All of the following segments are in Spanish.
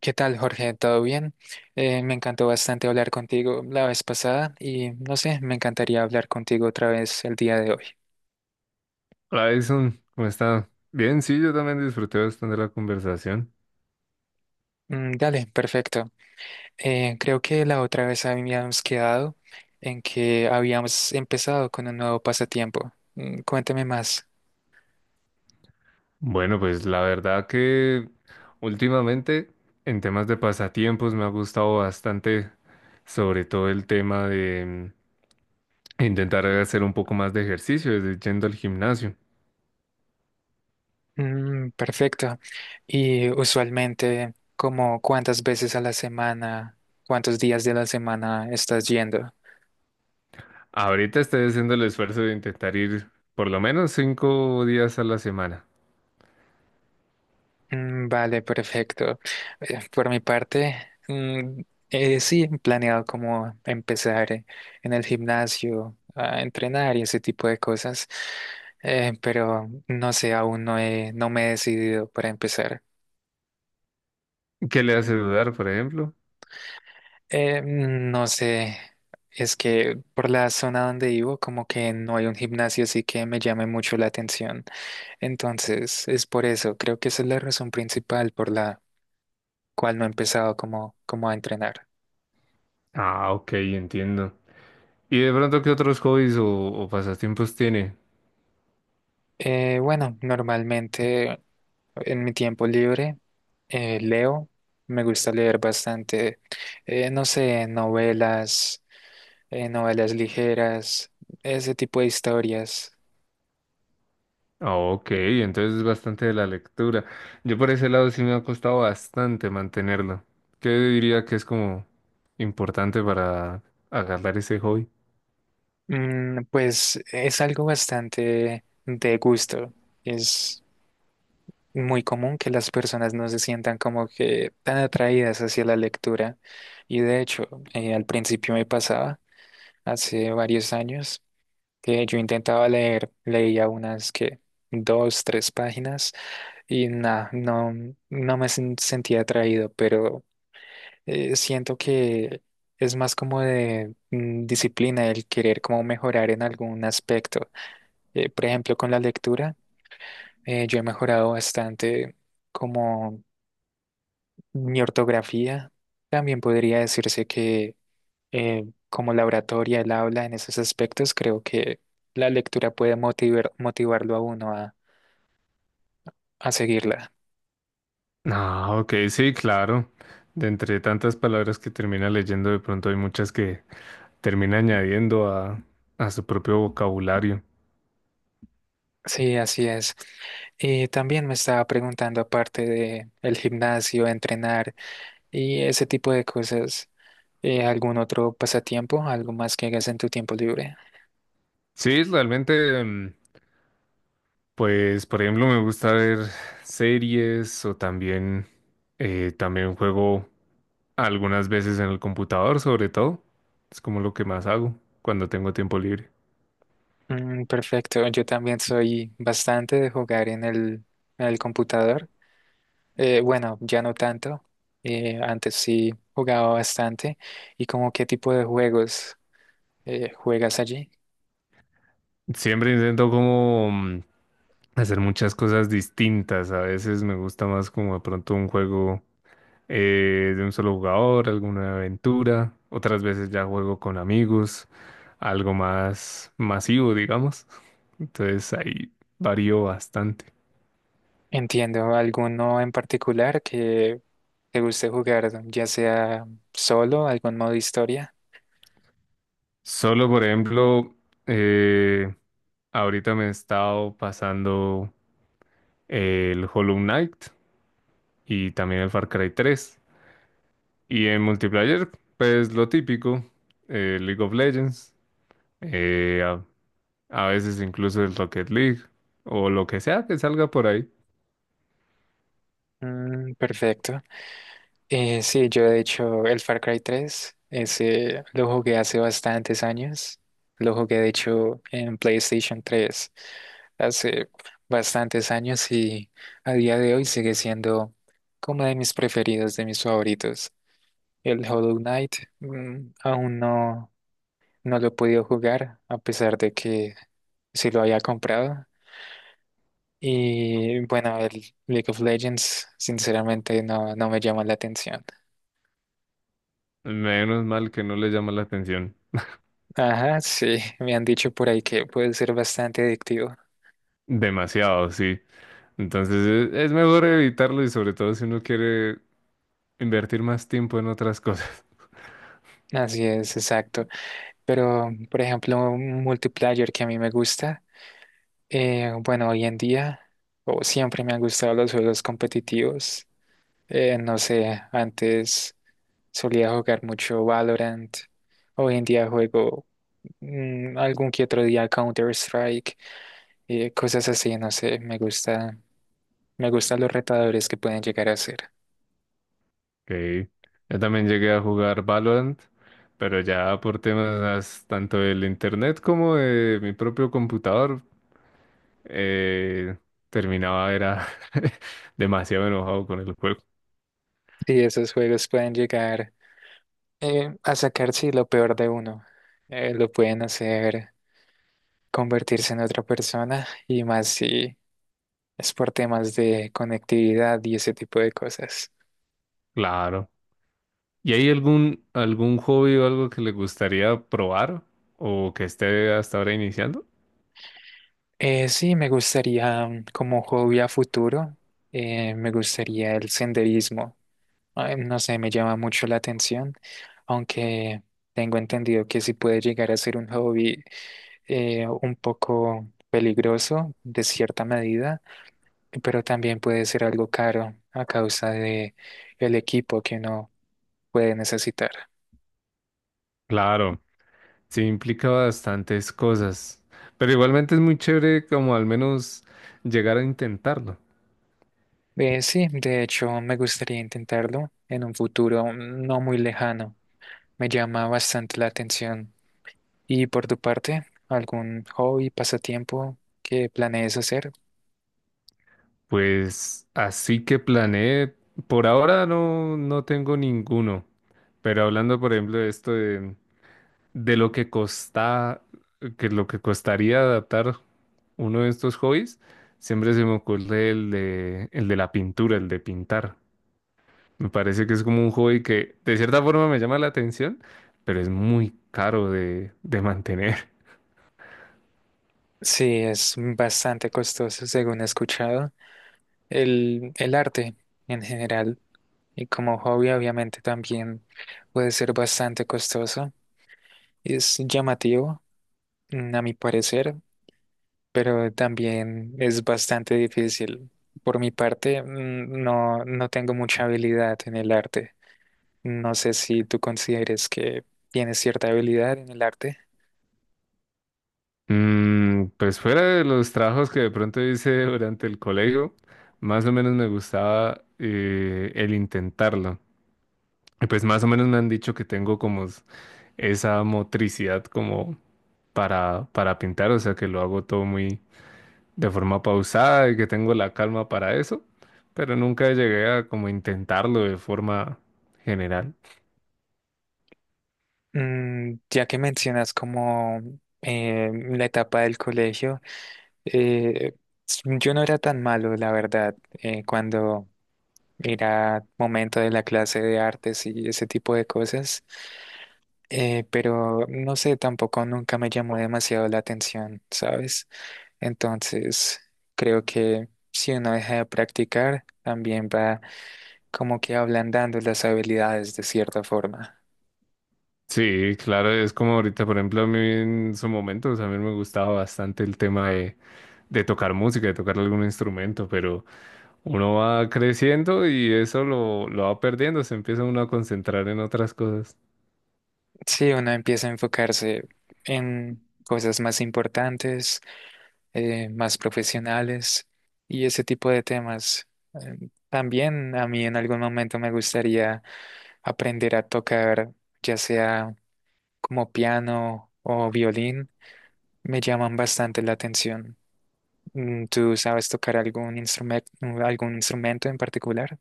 ¿Qué tal, Jorge? ¿Todo bien? Me encantó bastante hablar contigo la vez pasada y no sé, me encantaría hablar contigo otra vez el día de hoy. Hola Edison, ¿cómo está? Bien, sí, yo también disfruté bastante la conversación. Mm, dale, perfecto. Creo que la otra vez habíamos quedado en que habíamos empezado con un nuevo pasatiempo. Mm, cuéntame más. Bueno, pues la verdad que últimamente en temas de pasatiempos me ha gustado bastante, sobre todo el tema de intentar hacer un poco más de ejercicio, desde yendo al gimnasio. Mm, perfecto. Y usualmente, ¿como cuántas veces a la semana, cuántos días de la semana estás yendo? Ahorita estoy haciendo el esfuerzo de intentar ir por lo menos 5 días a la semana. Mm, vale, perfecto. Por mi parte, mm, sí, he planeado como empezar en el gimnasio a entrenar y ese tipo de cosas, pero no sé, aún no he, no me he decidido para empezar. ¿Qué le hace dudar, por ejemplo? No sé, es que por la zona donde vivo como que no hay un gimnasio así que me llame mucho la atención. Entonces, es por eso, creo que esa es la razón principal por la cual no he empezado como a entrenar. Ah, ok, entiendo. ¿Y de pronto qué otros hobbies o pasatiempos tiene? Bueno, normalmente en mi tiempo libre leo, me gusta leer bastante, no sé, novelas, novelas ligeras, ese tipo de historias. Ah, ok, entonces es bastante de la lectura. Yo por ese lado sí me ha costado bastante mantenerlo. ¿Qué diría que es como importante para agarrar ese hobby? Mm, pues es algo bastante de gusto. Es muy común que las personas no se sientan como que tan atraídas hacia la lectura. Y de hecho, al principio me pasaba, hace varios años, que yo intentaba leer, leía unas que dos, tres páginas y nada, no, sentía atraído, pero siento que es más como de disciplina el querer como mejorar en algún aspecto. Por ejemplo, con la lectura, yo he mejorado bastante como mi ortografía. También podría decirse que eh, como la oratoria, el habla en esos aspectos, creo que la lectura puede motivarlo a uno a seguirla. Ah, ok, sí, claro. De entre tantas palabras que termina leyendo, de pronto hay muchas que termina añadiendo a su propio vocabulario. Sí, así es. Y también me estaba preguntando, aparte de el gimnasio, entrenar y ese tipo de cosas, ¿algún otro pasatiempo, algo más que hagas en tu tiempo libre? Sí, realmente, mm, pues, por ejemplo, me gusta ver series o también, también juego. Algunas veces en el computador, sobre todo. Es como lo que más hago cuando tengo tiempo libre. Mm, perfecto, yo también soy bastante de jugar en el computador. Bueno, ya no tanto. Antes sí jugaba bastante. ¿Y como qué tipo de juegos juegas allí? Siempre intento como hacer muchas cosas distintas. A veces me gusta más como de pronto un juego de un solo jugador, alguna aventura. Otras veces ya juego con amigos, algo más masivo, digamos. Entonces ahí varío bastante. Entiendo, ¿alguno en particular que te guste jugar, ya sea solo, algún modo historia? Solo, por ejemplo, eh, ahorita me he estado pasando el Hollow Knight y también el Far Cry 3. Y en multiplayer, pues lo típico, League of Legends, eh, a, a veces incluso el Rocket League o lo que sea que salga por ahí. Mm, perfecto. Sí, yo de hecho el Far Cry 3, ese lo jugué hace bastantes años. Lo jugué de hecho en PlayStation 3 hace bastantes años y a día de hoy sigue siendo como de mis preferidos, de mis favoritos. El Hollow Knight, aún no, no lo he podido jugar a pesar de que sí lo había comprado. Y bueno, el League of Legends sinceramente no, no me llama la atención. Menos mal que no le llama la atención. Ajá, sí, me han dicho por ahí que puede ser bastante adictivo. Demasiado, sí. Entonces es mejor evitarlo, y sobre todo si uno quiere invertir más tiempo en otras cosas. Así es, exacto. Pero, por ejemplo, un multiplayer que a mí me gusta, bueno, hoy en día, o siempre me han gustado los juegos competitivos. No sé, antes solía jugar mucho Valorant. Hoy en día juego algún que otro día Counter-Strike, cosas así, no sé, Me gustan los retadores que pueden llegar a ser. Ok. Yo también llegué a jugar Valorant, pero ya por temas tanto del internet como de mi propio computador eh, terminaba era demasiado enojado con el juego. Sí, esos juegos pueden llegar a sacar, sí, lo peor de uno. Lo pueden hacer convertirse en otra persona y más si es por temas de conectividad y ese tipo de cosas. Claro. ¿Y hay algún hobby o algo que le gustaría probar o que esté hasta ahora iniciando? Sí, me gustaría como hobby a futuro, me gustaría el senderismo. Ay, no sé, me llama mucho la atención, aunque tengo entendido que sí puede llegar a ser un hobby un poco peligroso de cierta medida, pero también puede ser algo caro a causa de el equipo que uno puede necesitar. Claro, sí implica bastantes cosas, pero igualmente es muy chévere como al menos llegar a intentarlo. Sí, de hecho, me gustaría intentarlo en un futuro no muy lejano. Me llama bastante la atención. ¿Y por tu parte, algún hobby, pasatiempo que planees hacer? Pues así que planeé, por ahora no tengo ninguno. Pero hablando, por ejemplo, de esto de lo que costa, que lo que costaría adaptar uno de estos hobbies, siempre se me ocurre el de la pintura, el de pintar. Me parece que es como un hobby que de cierta forma me llama la atención, pero es muy caro de mantener. Sí, es bastante costoso, según he escuchado. El arte en general y como hobby obviamente también puede ser bastante costoso. Es llamativo, a mi parecer, pero también es bastante difícil. Por mi parte, no, no tengo mucha habilidad en el arte. No sé si tú consideres que tienes cierta habilidad en el arte. Mm, pues fuera de los trabajos que de pronto hice durante el colegio, más o menos me gustaba el intentarlo. Y pues más o menos me han dicho que tengo como esa motricidad como para pintar, o sea que lo hago todo muy de forma pausada y que tengo la calma para eso, pero nunca llegué a como intentarlo de forma general. Mm, ya que mencionas como la etapa del colegio, Eh, yo no era tan malo, la verdad, cuando era momento de la clase de artes y ese tipo de cosas, pero no sé, tampoco nunca me llamó demasiado la atención, ¿sabes? Entonces, creo que si uno deja de practicar, también va como que ablandando las habilidades de cierta forma. Sí, claro, es como ahorita, por ejemplo, a mí en su momento, o sea, a mí me gustaba bastante el tema de tocar música, de tocar algún instrumento, pero uno va creciendo y eso lo va perdiendo, se empieza uno a concentrar en otras cosas. Si uno empieza a enfocarse en cosas más importantes, más profesionales y ese tipo de temas. También a mí en algún momento me gustaría aprender a tocar, ya sea como piano o violín, me llaman bastante la atención. Mm, ¿tú sabes tocar algún instrumento en particular?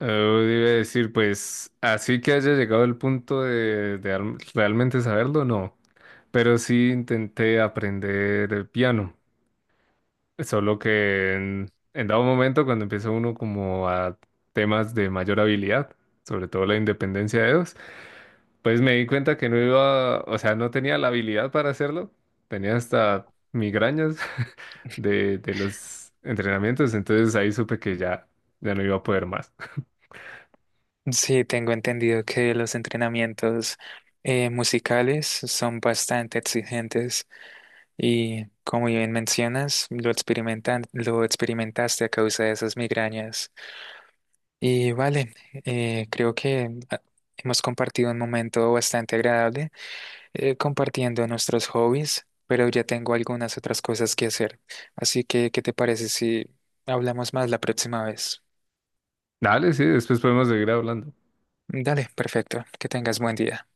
Eh, Iba a decir, pues, así que haya llegado el punto de realmente saberlo, no. Pero sí intenté aprender el piano, solo que en dado momento cuando empieza uno como a temas de mayor habilidad, sobre todo la independencia de dedos, pues me di cuenta que no iba, o sea, no tenía la habilidad para hacerlo, tenía hasta migrañas de los entrenamientos, entonces ahí supe que ya, ya no iba a poder más. Sí, tengo entendido que los entrenamientos musicales son bastante exigentes. Y como bien mencionas, lo experimentaste a causa de esas migrañas. Y vale, creo que hemos compartido un momento bastante agradable, compartiendo nuestros hobbies, pero ya tengo algunas otras cosas que hacer. Así que, ¿qué te parece si hablamos más la próxima vez? Dale, sí, después podemos seguir hablando. Dale, perfecto. Que tengas buen día.